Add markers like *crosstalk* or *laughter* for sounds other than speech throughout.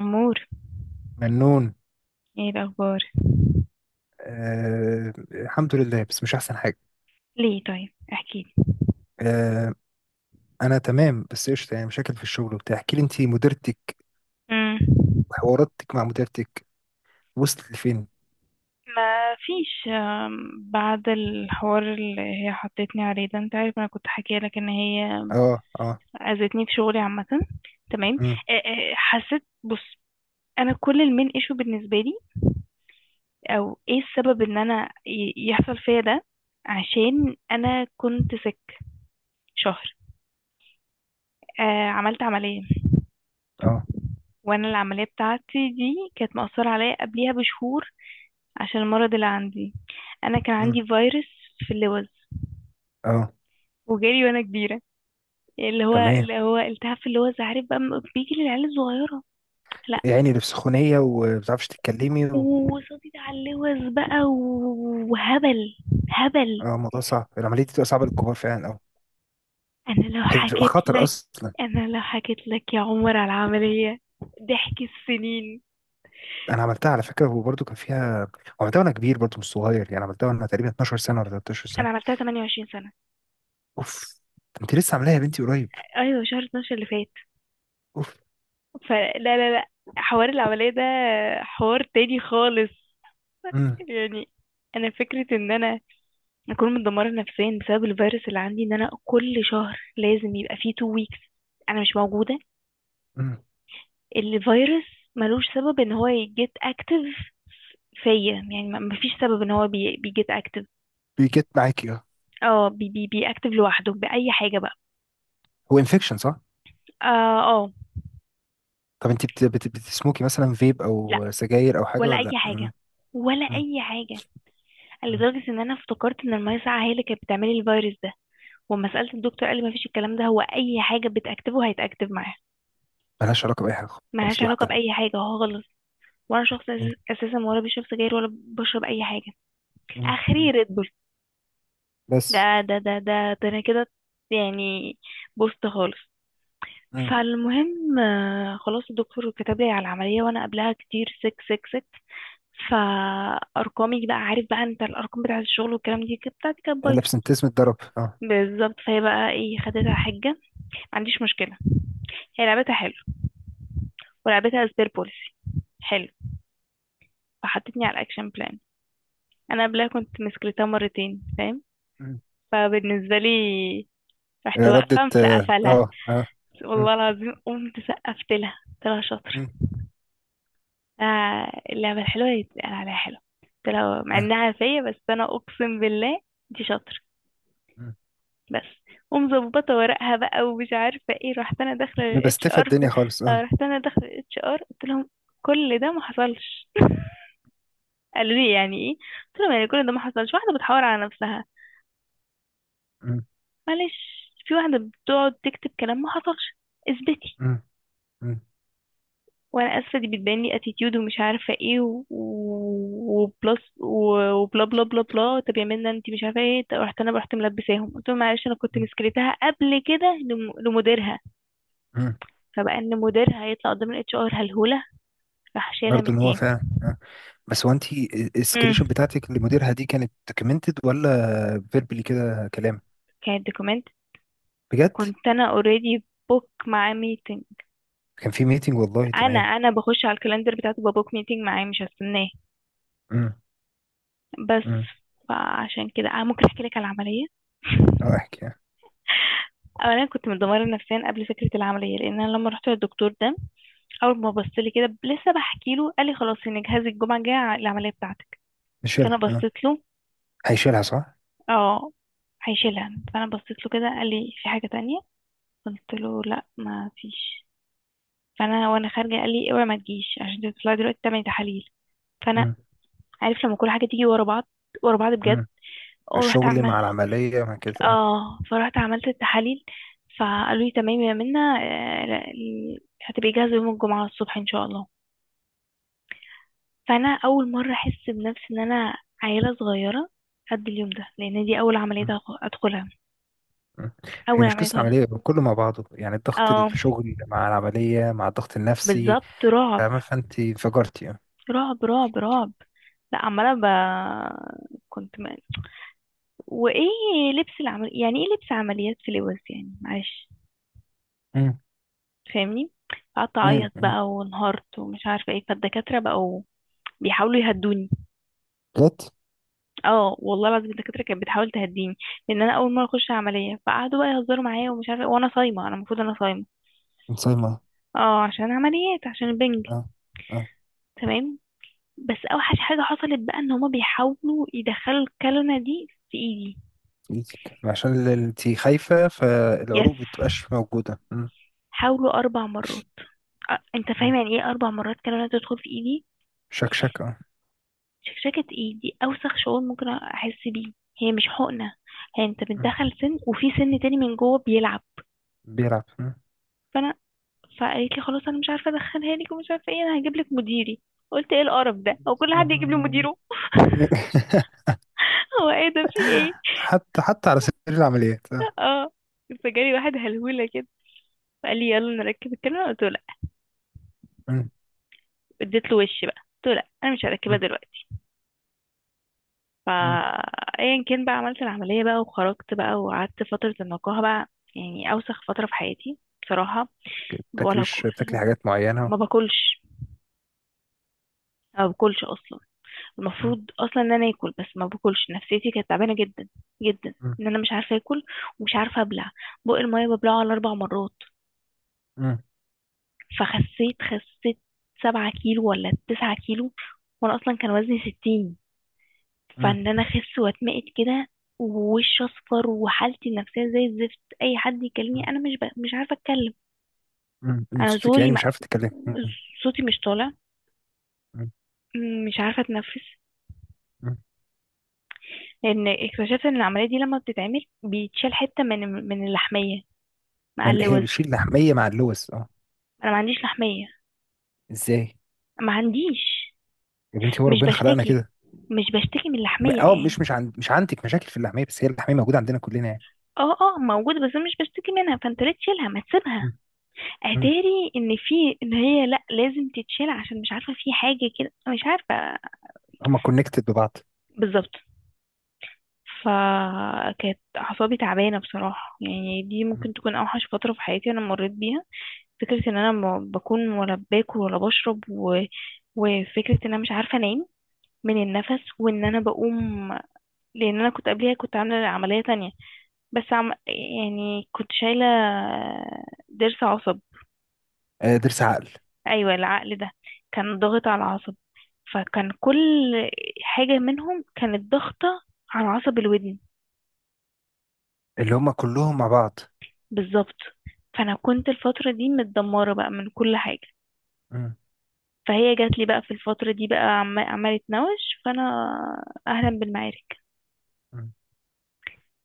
أمور، منون. ايه الأخبار؟ آه، الحمد لله بس مش احسن حاجه. ليه؟ طيب احكيلي. آه، انا تمام بس قشطه، يعني مشاكل في الشغل وبتاع. احكي لي انت مديرتك امم وحواراتك مع مديرتك، وصلت لفين؟ ما فيش. بعد الحوار اللي هي حطتني عليه ده، انت عارف انا كنت حكيه لك ان هي اه اه. اذتني في شغلي عامه. تمام. امم. حسيت، بص، انا كل المين ايشو بالنسبه لي، او ايه السبب ان انا يحصل فيا ده؟ عشان انا كنت سك شهر. عملت عمليه، اه. وانا العمليه بتاعتي دي كانت مأثره عليا قبليها بشهور، عشان المرض اللي عندي. انا كان امم. عندي فيروس في اللوز، اه. وجالي وانا كبيره، اللي هو تمام، اللي هو التهاب في اللوز، عارف بقى، بيجي للعيال الصغيره. لا. يعني اللي في سخونيه وما بتعرفش تتكلمي و وصديت على اللوز بقى وهبل. هبل. اه، الموضوع صعب، العمليه دي بتبقى صعبه للكبار فعلا، اه. انا لو هي بتبقى حكيت خطر لك اصلا. انا لو حكيت لك يا عمر على العمليه، ضحك السنين. انا عملتها على فكره وبرده كان فيها، عملتها وانا كبير برده مش صغير يعني، عملتها وانا تقريبا 12 سنه ولا 13 انا سنه. عملتها 28 سنه. اوف. انت لسه عاملاها يا بنتي قريب؟ ايوه، شهر 12 اللي فات. اوف. فلا، لا، لا، حوار العمليه ده حوار تاني خالص. مم. يعني انا فكره ان انا اكون متدمره نفسيا بسبب الفيروس اللي عندي، ان انا كل شهر لازم يبقى فيه تو ويكس انا مش موجوده. مم. الفيروس ملوش سبب ان هو يجيت اكتف فيا، يعني مفيش سبب ان هو بيجيت اكتف. بيجت معاكي اه. اه، بي بي بي اكتف لوحده باي حاجه بقى. هو انفكشن صح؟ اه، اه. طب انت بتسموكي مثلا فيب لا، او سجاير او حاجه ولا ولا اي لا؟ حاجه، مم. ولا مم. اي حاجه. مم. لدرجه ان انا افتكرت ان الميه ساقعه هي اللي كانت بتعملي الفيروس ده، وما سالت الدكتور قال لي مفيش الكلام ده، هو اي حاجه بتاكتفه هيتاكتف معاها. ملهاش علاقه باي حاجه، ملهاش خالص، علاقه لوحدها. باي حاجه خالص. ولا شخص مم. اساسا ولا بشرب سجاير ولا بشرب اي حاجه. مم. اخري مم. ريد بول. ده بس. ده انا كده يعني، بوست خالص. مم. فالمهم، خلاص الدكتور كتب لي على العمليه. وانا قبلها كتير سك، فارقامي بقى، عارف بقى انت، الارقام بتاعه الشغل والكلام دي كانت، بتاعتي كانت بايظه. الابسنتيزم اتضرب، اه. بالظبط. فهي بقى ايه، خدتها حجه، ما عنديش مشكله، هي لعبتها حلو، ولعبتها سبير بوليسي، حلو، فحطتني على الاكشن بلان. انا قبلها كنت مسكرتها مرتين، فاهم؟ مم. فبالنسبة لي، رحت ردة، واقفة اه مسقفة لها. اه آه. مم. والله العظيم قمت سقفت لها، قلت لها شاطرة. مم. اللعبة الحلوة اللي بتتقال عليها حلوة، قلت لها، مع آه. انها فيا، بس انا اقسم بالله دي شاطرة. مم. بس. ومظبطة ورقها بقى ومش عارفة ايه. مبستفة الدنيا خالص، اه. رحت انا داخلة للاتش ار، قلت لهم كل ده ما حصلش. *laughs* قالوا لي يعني ايه؟ قلت لهم يعني كل ده ما حصلش، واحدة بتحاور على نفسها، مم. معلش، في واحدة بتقعد تكتب كلام ما حصلش، اثبتي. مم. مم. وانا اسفه دي بتبان لي اتيتيود ومش عارفه ايه وبلس وبلا بلا بلا بلا، طب يا منى انت مش عارفه ايه. طب رحت انا، رحت ملبساهم قلت لهم معلش انا كنت مم. مسكرتها قبل كده لمديرها. مم. فبقى ان مديرها هيطلع قدام الاتش ار هلهوله، راح شايلها من برضه ان هو التيم. فعلا آه. بس هو انت، امم، السكريشن بتاعتك لمديرها دي كانت دوكيومنتد ولا فيربلي كده كلام؟ كانت دوكيمنت. بجد؟ كنت انا اوريدي بوك معاه ميتنج. كان في ميتنج، والله انا تمام. بخش على الكالندر بتاعته ببوك ميتنج معاه مش هستناه، امم. بس. امم. فعشان كده انا ممكن احكي لك على العمليه. اه، *laughs* احكي اه. اولا كنت متدمره نفسيا قبل فكره العمليه، لان انا لما رحت للدكتور ده، اول ما بص لي كده، لسه بحكي له، قال لي خلاص ان جهازي الجمعه الجايه العمليه بتاعتك. فانا نشيلها اه. بصيت له. هيشيلها صح. اه، هيشيلها. فانا بصيت له كده، قال لي في حاجه تانية؟ قلت له لا، ما فيش. فانا وانا خارجه قال لي اوعي ما تجيش، عشان تطلعي دلوقتي تعملي تحاليل. فانا، امم. عارف لما كل حاجه تيجي ورا بعض، ورا بعض بجد. امم. ورحت. الشغل مع العملية مع كده اه. اه، فرحت عملت التحاليل، فقالوا لي تمام يا منى، ال هتبقي جاهزة يوم الجمعة الصبح ان شاء الله. فانا اول مرة احس بنفسي ان انا عيلة صغيرة قد اليوم ده، لان دي اول عملية مم. ادخلها، مم. هي اول مش عملية قصة خالص. عملية، كله مع بعضه يعني، ضغط اه، الشغل مع العملية مع الضغط النفسي. بالظبط، رعب، فاهمة، فانت انفجرتي اه. رعب، رعب، رعب. لا عمالة ب... كنت م... وايه، لبس العمل يعني ايه، لبس عمليات، في لبس يعني، معلش، امم. فاهمني؟ قعدت امم. اعيط امم. بقى وانهارت ومش عارفه ايه، فالدكاتره بقوا بيحاولوا يهدوني. جت. اه، والله العظيم الدكاتره كانت بتحاول تهديني، لان انا اول مره اخش عمليه، فقعدوا بقى يهزروا معايا ومش عارفه وانا صايمه، انا المفروض انا صايمه، مصايمة اه، عشان عمليات، عشان البنج. اه اه. تمام. بس اوحش حاجه حصلت بقى، ان هما بيحاولوا يدخلوا الكلمه دي في ايدي. في ايدك عشان انت خايفة، يس. فالعروق بتبقاش موجودة، امم. حاولوا 4 مرات. انت فاهم امم. يعني ايه 4 مرات كلمه تدخل في ايدي؟ شكشك اه. شكشكه ايدي اوسخ شعور ممكن احس بيه. هي مش حقنه، هي انت مم. بتدخل سن، وفي سن تاني من جوه بيلعب. بيلعب مم. فانا، فقالت لي خلاص انا مش عارفه ادخلها لك ومش عارفه ايه، انا هجيب لك مديري. قلت ايه القرف ده، هو كل حد يجيب لي مديره؟ *laughs* *laughs* هو ايه ده؟ في ايه؟ حتى حتى على سبيل العمليات آه. اه. فجالي واحد هلهوله كده، فقال لي يلا نركب الكاميرا. قلت له لا. مم. اديت له وش بقى، قلت له لا، انا مش هركبها مم. دلوقتي. فا، مم. ايا كان بقى، عملت العمليه بقى وخرجت بقى، وقعدت فتره النقاهه بقى. يعني اوسخ فتره في حياتي بصراحه. ولا كل، بتاكليش، بتاكلي حاجات معينة؟ ما باكلش، ما باكلش اصلا. مم. المفروض اصلا ان انا اكل، بس ما باكلش، نفسيتي كانت تعبانه جدا جدا. مم. ان انا مش عارفه اكل ومش عارفه ابلع، بق الميه ببلعه على 4 مرات. مم. فخسيت، خسيت 7 كيلو ولا 9 كيلو، وانا اصلا كان وزني 60. مم. فان انا اخس واتمقت كده ووشي اصفر وحالتي النفسيه زي الزفت، اي حد يكلمني انا مش ب... مش عارفه اتكلم. مم. مم. انا صوتك زوري يعني ما... مش عارفة تتكلمي، مم. صوتي مش طالع. مم. مش عارفه اتنفس، مم. لان اكتشفت ان العمليه دي لما بتتعمل بيتشال حته من، من اللحميه مع هي اللوز. بتشيل لحمية مع اللوز اه. انا ما عنديش لحمية. ازاي؟ ما عنديش. يا بنتي هو مش ربنا خلقنا بشتكي، كده. مش بشتكي من اللحمية يعني. مش عندك مشاكل في اللحمية، بس هي اللحمية موجودة عندنا كلنا يعني. اه، اه، موجودة، بس أنا مش بشتكي منها، فانت ليه تشيلها؟ ما تسيبها. مم. مم. اتاري ان في، ان هي لا، لازم تتشيل عشان، مش عارفة، في حاجة كده مش عارفة. هما كونكتد ببعض. بالظبط. فكانت اعصابي تعبانة بصراحة، يعني دي مم. ممكن تكون اوحش فترة في حياتي انا مريت بيها. فكرة ان انا ما بكون ولا باكل ولا بشرب و... وفكرة ان انا مش عارفة انام من النفس، وان انا بقوم. لان انا كنت قبليها كنت عامله عمليه تانية، بس عم... يعني كنت شايله ضرس عصب. آه، ضرس عقل. ايوه العقل ده كان ضاغط على العصب، فكان كل حاجه منهم كانت ضاغطه على عصب الودن. اللي هما كلهم مع بعض. بالظبط. فانا كنت الفتره دي متدمره بقى من كل حاجه. مم. فهي جات لي بقى في الفتره دي بقى، عم... عماله تنوش. فانا اهلا بالمعارك. مم.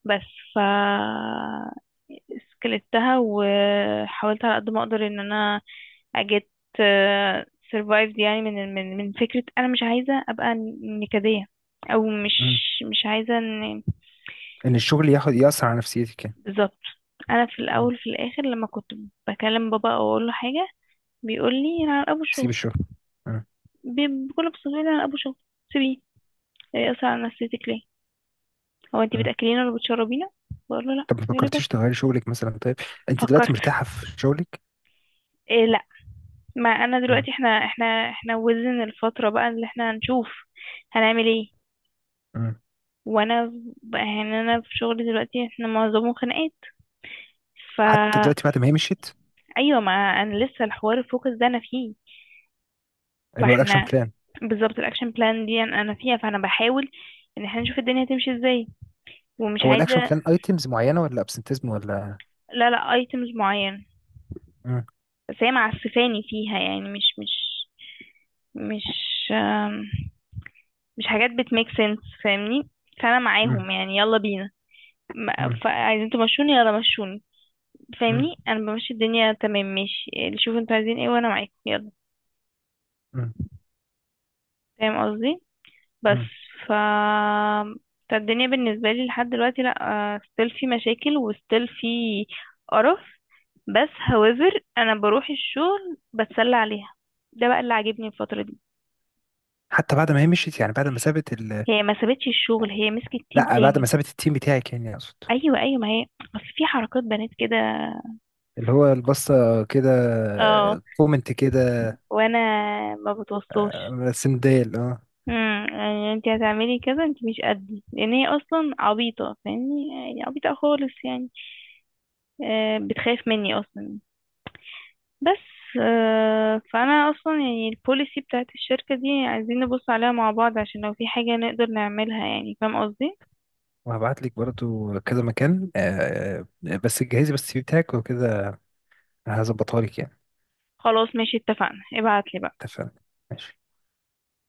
بس، ف، سكلتها وحاولت على قد ما اقدر ان انا اجيت سيرفايفد يعني، من فكرة انا مش عايزة ابقى نكدية، او مش، مم. مش عايزة ان، ان الشغل ياخد يأثر على نفسيتك يعني. بالظبط. انا في مم. الاول في الاخر لما كنت بكلم بابا او اقول له حاجة، بيقول لي انا على ابو سيب شغل. الشغل. بكل بساطة بيقول لي انا على ابو شغل، سيبيه، هي اصلا على نفسيتك ليه؟ هو انت مم. بتاكلينا ولا بتشربينا؟ بقول له لا، طب ما يقول لي فكرتيش بس. تغيري شغلك مثلا، طيب انت دلوقتي فكرت، مرتاحه في شغلك؟ لا. ما انا مم. دلوقتي، احنا وزن الفترة بقى اللي احنا هنشوف هنعمل ايه. مم. وانا يعني انا في شغلي دلوقتي احنا معظمه خناقات، حتى فا، دلوقتي بعد ما هي مشيت؟ ايوه، ما انا لسه الحوار الفوكس ده انا فيه. اللي هو الاكشن فاحنا، بلان. بالظبط الاكشن بلان دي انا فيها، فانا بحاول ان احنا نشوف الدنيا هتمشي ازاي. ومش هو الاكشن عايزة، بلان ايتمز معينه ولا ابسنتيزم ولا؟ لا لا، ايتمز معين. مم. بس هي معسفاني فيها يعني، مش، مش، مش، آم، مش حاجات بتميك سنس فاهمني؟ فانا مم. معاهم يعني يلا بينا، ما، مم. فعايزين تمشوني يلا مشوني. مم. فاهمني، انا بمشي، الدنيا تمام ماشي، اللي شوفوا انتوا عايزين ايه وانا معاكم يلا. مم. فاهم قصدي؟ بس. مم. ف، فالدنيا بالنسبه لي لحد دلوقتي لا، ستيل في مشاكل وستيل في قرف، بس however انا بروح الشغل بتسلى عليها، ده بقى اللي عاجبني الفتره دي. حتى بعد ما هي مشيت يعني، بعد ما سابت ال. هي ما سابتش الشغل، هي مسكت تيم لا، بعد ما تاني. سابت التيم بتاعك يعني اقصد. ايوه، ايوه، ما هي، اصل في حركات بنات كده. اللي هو البصه، كده. اه. كومنت كده. وانا ما بتوصاش. سندال اه. امم، يعني انت هتعملي كذا، انت مش قدي، لان هي اصلا عبيطه فاهمني، يعني عبيطه خالص يعني. بتخاف مني اصلا بس. فانا اصلا يعني البوليسي بتاعت الشركه دي عايزين نبص عليها مع بعض، عشان لو في حاجه نقدر نعملها، يعني فاهم قصدي؟ وهبعت لك برضو كذا مكان آه، بس جهزي بس السي في بتاعك وكده، هظبطها لك يعني. خلاص، ماشي، اتفقنا، ابعتلي بقى. اتفقنا. ماشي.